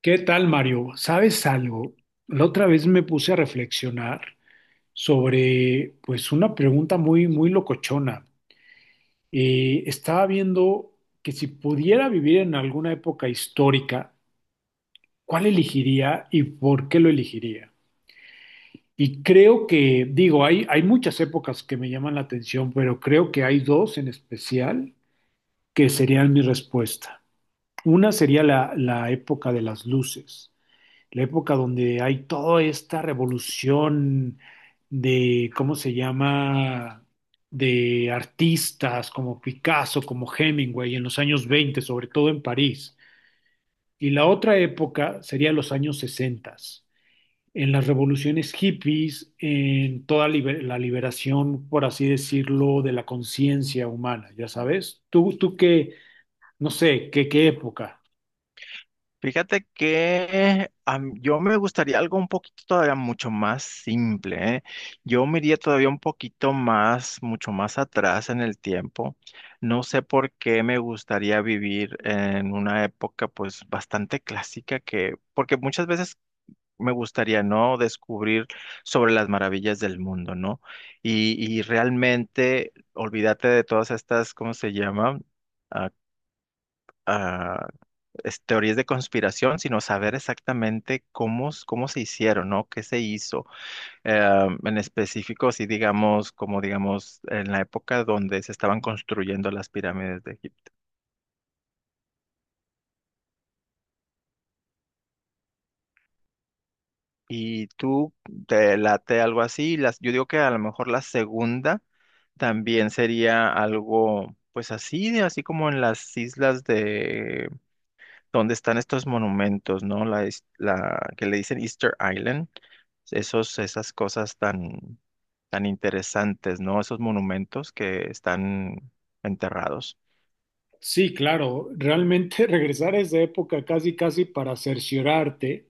¿Qué tal, Mario? ¿Sabes algo? La otra vez me puse a reflexionar sobre, pues, una pregunta muy, muy locochona. Estaba viendo que si pudiera vivir en alguna época histórica, ¿cuál elegiría y por qué lo elegiría? Y creo que, digo, hay muchas épocas que me llaman la atención, pero creo que hay dos en especial que serían mi respuesta. Una sería la época de las luces. La época donde hay toda esta revolución de, ¿cómo se llama?, de artistas como Picasso, como Hemingway, en los años 20, sobre todo en París. Y la otra época sería los años 60, en las revoluciones hippies, en toda la liberación, por así decirlo, de la conciencia humana, ya sabes. ¿Tú qué, no sé, qué época? Fíjate que yo me gustaría algo un poquito todavía mucho más simple, ¿eh? Yo me iría todavía un poquito más, mucho más atrás en el tiempo. No sé por qué me gustaría vivir en una época pues bastante clásica que, porque muchas veces me gustaría, ¿no? Descubrir sobre las maravillas del mundo, ¿no? Y realmente olvídate de todas estas, ¿cómo se llama? Teorías de conspiración, sino saber exactamente cómo se hicieron, ¿no? ¿Qué se hizo? En específico, si digamos, como digamos, en la época donde se estaban construyendo las pirámides de Egipto. Y tú te late algo así, yo digo que a lo mejor la segunda también sería algo, pues así, así como en las islas donde están estos monumentos, ¿no? La que le dicen Easter Island, esos, esas cosas tan, tan interesantes, ¿no? Esos monumentos que están enterrados. Sí, claro, realmente regresar a esa época casi casi para cerciorarte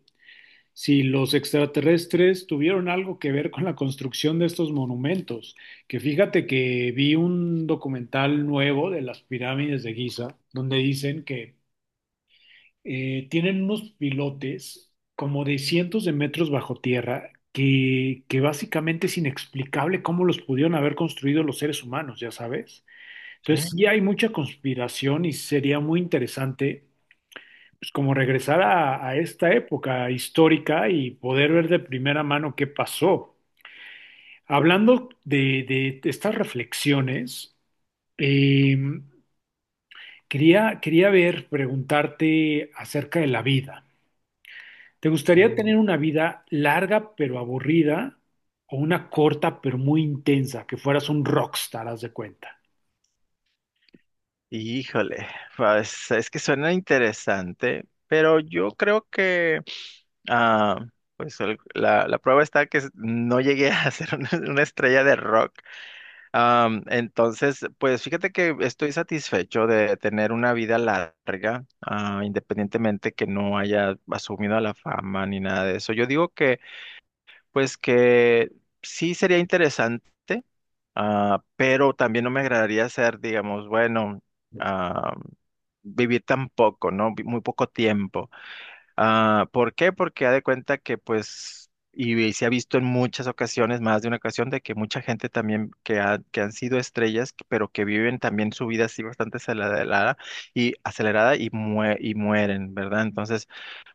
si los extraterrestres tuvieron algo que ver con la construcción de estos monumentos. Que fíjate que vi un documental nuevo de las pirámides de Giza, donde dicen que tienen unos pilotes como de cientos de metros bajo tierra, que básicamente es inexplicable cómo los pudieron haber construido los seres humanos, ya sabes. ¿Sí? Entonces sí hay mucha conspiración y sería muy interesante, pues, como regresar a, esta época histórica y poder ver de primera mano qué pasó. Hablando de estas reflexiones, eh, quería ver, preguntarte acerca de la vida. ¿Te gustaría Ujú. tener una vida larga pero aburrida o una corta pero muy intensa, que fueras un rockstar, haz de cuenta? Híjole, pues es que suena interesante, pero yo creo que, ah, pues la prueba está que no llegué a ser una estrella de rock. Entonces, pues fíjate que estoy satisfecho de tener una vida larga, independientemente que no haya asumido la fama ni nada de eso. Yo digo que, pues que sí sería interesante, pero también no me agradaría ser, digamos, bueno, ah, vivir tan poco, ¿no? Muy poco tiempo. Ah, ¿por qué? Porque ha de cuenta que pues, y se ha visto en muchas ocasiones, más de una ocasión, de que mucha gente también que, que han sido estrellas, pero que viven también su vida así bastante acelerada y acelerada y mueren, ¿verdad? Entonces,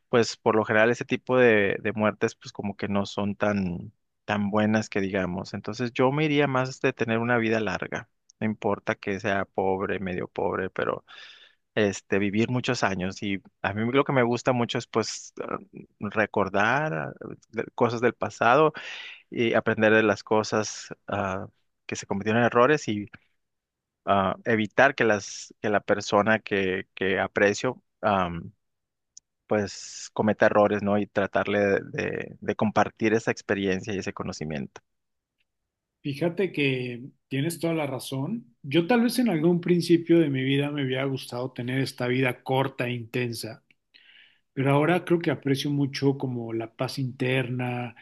pues por lo general ese tipo de muertes pues como que no son tan, tan buenas que digamos. Entonces yo me iría más de tener una vida larga. No importa que sea pobre, medio pobre, pero vivir muchos años y a mí lo que me gusta mucho es pues recordar cosas del pasado y aprender de las cosas que se cometieron en errores y evitar que las que la persona que aprecio, pues cometa errores, ¿no? Y tratarle de compartir esa experiencia y ese conocimiento. Fíjate que tienes toda la razón. Yo tal vez en algún principio de mi vida me hubiera gustado tener esta vida corta e intensa, pero ahora creo que aprecio mucho como la paz interna,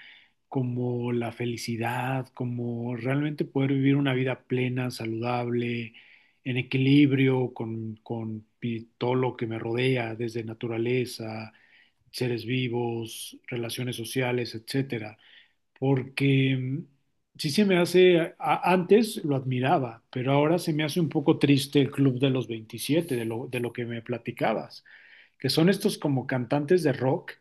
como la felicidad, como realmente poder vivir una vida plena, saludable, en equilibrio con, todo lo que me rodea, desde naturaleza, seres vivos, relaciones sociales, etcétera, porque sí se me hace, antes lo admiraba, pero ahora se me hace un poco triste el Club de los 27, de lo que me platicabas, que son estos como cantantes de rock,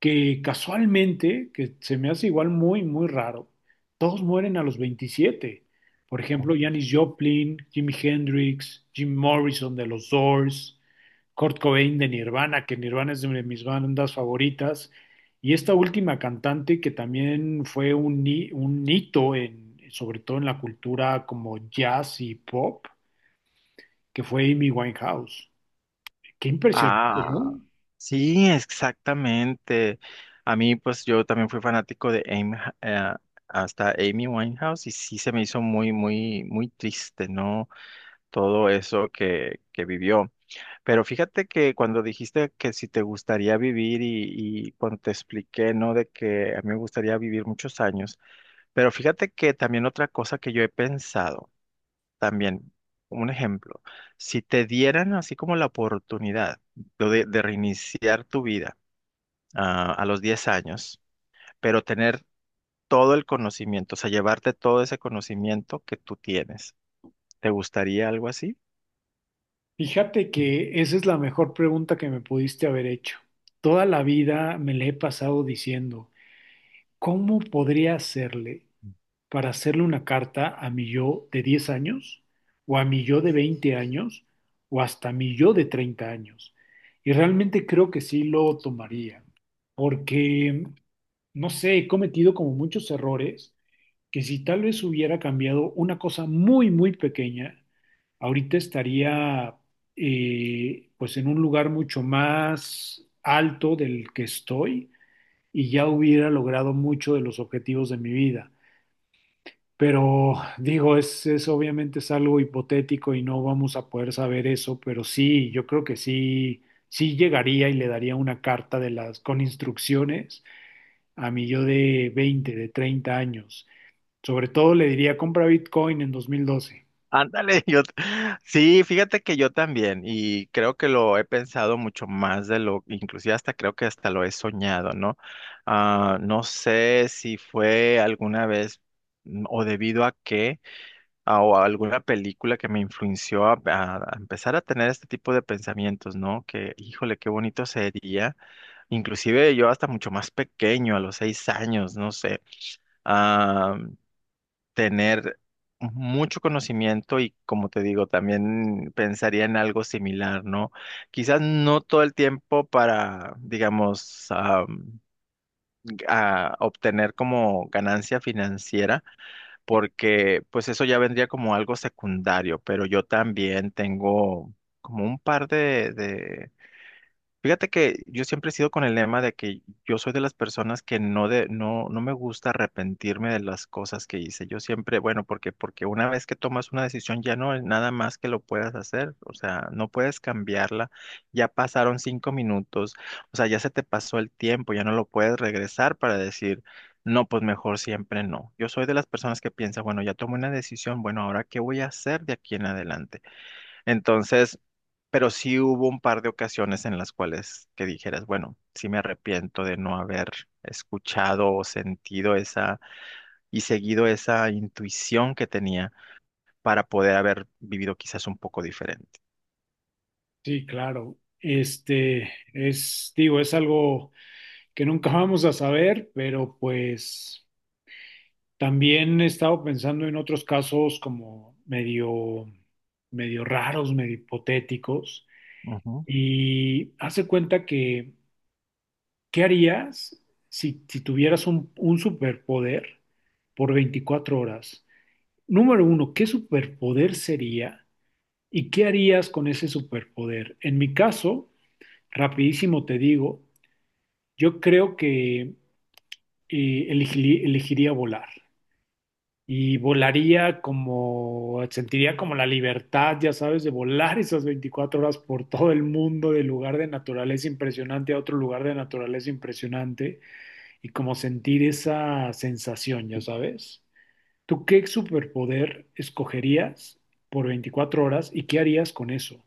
que casualmente, que se me hace igual muy, muy raro, todos mueren a los 27. Por Oh. ejemplo, Janis Joplin, Jimi Hendrix, Jim Morrison de los Doors, Kurt Cobain de Nirvana, que Nirvana es de mis bandas favoritas, y esta última cantante que también fue un hito en, sobre todo en la cultura como jazz y pop, que fue Amy Winehouse. Qué impresionante. Ah, sí, exactamente. A mí, pues yo también fui fanático de Amy, eh, hasta Amy Winehouse y sí se me hizo muy, muy, muy triste, ¿no? Todo eso que vivió. Pero fíjate que cuando dijiste que si te gustaría vivir y cuando te expliqué, ¿no? De que a mí me gustaría vivir muchos años. Pero fíjate que también otra cosa que yo he pensado, también, un ejemplo, si te dieran así como la oportunidad de reiniciar tu vida, a los 10 años, pero tener todo el conocimiento, o sea, llevarte todo ese conocimiento que tú tienes. ¿Te gustaría algo así? Fíjate que esa es la mejor pregunta que me pudiste haber hecho. Toda la vida me le he pasado diciendo, ¿cómo podría hacerle para hacerle una carta a mi yo de 10 años, o a mi yo de 20 años, o hasta mi yo de 30 años? Y realmente creo que sí lo tomaría, porque, no sé, he cometido como muchos errores, que si tal vez hubiera cambiado una cosa muy, muy pequeña, ahorita estaría, pues, en un lugar mucho más alto del que estoy y ya hubiera logrado mucho de los objetivos de mi vida. Pero digo, es obviamente es algo hipotético y no vamos a poder saber eso, pero sí, yo creo que sí, sí llegaría y le daría una carta de las con instrucciones a mi yo de veinte, de 30 años. Sobre todo le diría, compra Bitcoin en 2012. Ándale, sí, fíjate que yo también, y creo que lo he pensado mucho más de lo, inclusive hasta creo que hasta lo he soñado, ¿no? Ah, no sé si fue alguna vez, o debido a qué, o a alguna película que me influenció a empezar a tener este tipo de pensamientos, ¿no? Que, híjole, qué bonito sería. Inclusive yo hasta mucho más pequeño, a los 6 años, no sé, a tener mucho conocimiento y como te digo, también pensaría en algo similar, ¿no? Quizás no todo el tiempo para, digamos, a obtener como ganancia financiera, porque pues eso ya vendría como algo secundario, pero yo también tengo como un par de. Fíjate que yo siempre he sido con el lema de que yo soy de las personas que no me gusta arrepentirme de las cosas que hice. Yo siempre, bueno, porque una vez que tomas una decisión ya no hay nada más que lo puedas hacer, o sea, no puedes cambiarla. Ya pasaron 5 minutos, o sea, ya se te pasó el tiempo, ya no lo puedes regresar para decir, no, pues mejor siempre no. Yo soy de las personas que piensa, bueno, ya tomé una decisión, bueno, ahora ¿qué voy a hacer de aquí en adelante? Entonces, pero sí hubo un par de ocasiones en las cuales que dijeras, bueno, sí me arrepiento de no haber escuchado o sentido esa y seguido esa intuición que tenía para poder haber vivido quizás un poco diferente. Sí, claro. Este es, digo, es algo que nunca vamos a saber, pero pues también he estado pensando en otros casos como medio, medio raros, medio hipotéticos. Ujú. Y hace cuenta que, ¿qué harías si tuvieras un superpoder por 24 horas? Número uno, ¿qué superpoder sería? ¿Y qué harías con ese superpoder? En mi caso, rapidísimo te digo, yo creo que elegiría volar. Y volaría como, sentiría como la libertad, ya sabes, de volar esas 24 horas por todo el mundo, de lugar de naturaleza impresionante a otro lugar de naturaleza impresionante, y como sentir esa sensación, ya sabes. ¿Tú qué superpoder escogerías por 24 horas y qué harías con eso?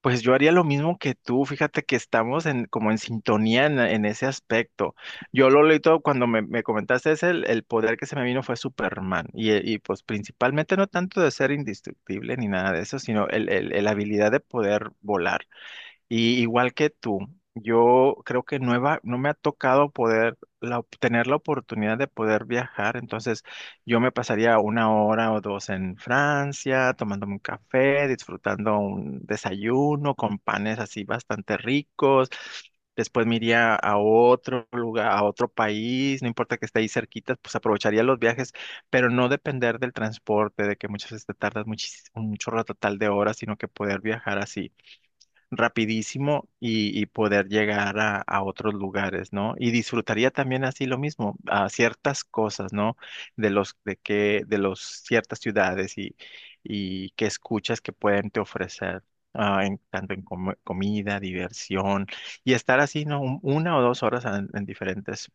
Pues yo haría lo mismo que tú, fíjate que estamos como en sintonía en ese aspecto. Yo lo leí todo cuando me comentaste el poder que se me vino fue Superman. Y, pues principalmente no tanto de ser indestructible ni nada de eso, sino el habilidad de poder volar. Y igual que tú, yo creo que no me ha tocado poder tener la oportunidad de poder viajar. Entonces, yo me pasaría una hora o dos en Francia, tomándome un café, disfrutando un desayuno con panes así bastante ricos. Después me iría a otro lugar, a otro país, no importa que esté ahí cerquita, pues aprovecharía los viajes, pero no depender del transporte, de que muchas veces te tardas un chorro total de horas, sino que poder viajar así rapidísimo y poder llegar a otros lugares, ¿no? Y disfrutaría también así lo mismo, a ciertas cosas, ¿no? De los, de que, de los ciertas ciudades y que escuchas que pueden te ofrecer. Tanto en comida, diversión y estar así, ¿no? Una o dos horas en diferentes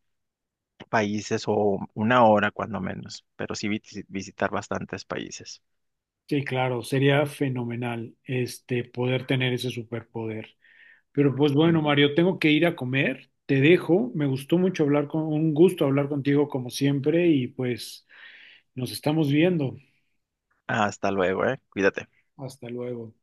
países o una hora cuando menos, pero sí visitar bastantes países. Sí, claro, sería fenomenal este poder tener ese superpoder. Pero pues bueno, Mario, tengo que ir a comer, te dejo. Me gustó mucho hablar con, un gusto hablar contigo como siempre y pues nos estamos viendo. Hasta luego, ¿eh? Cuídate. Hasta luego.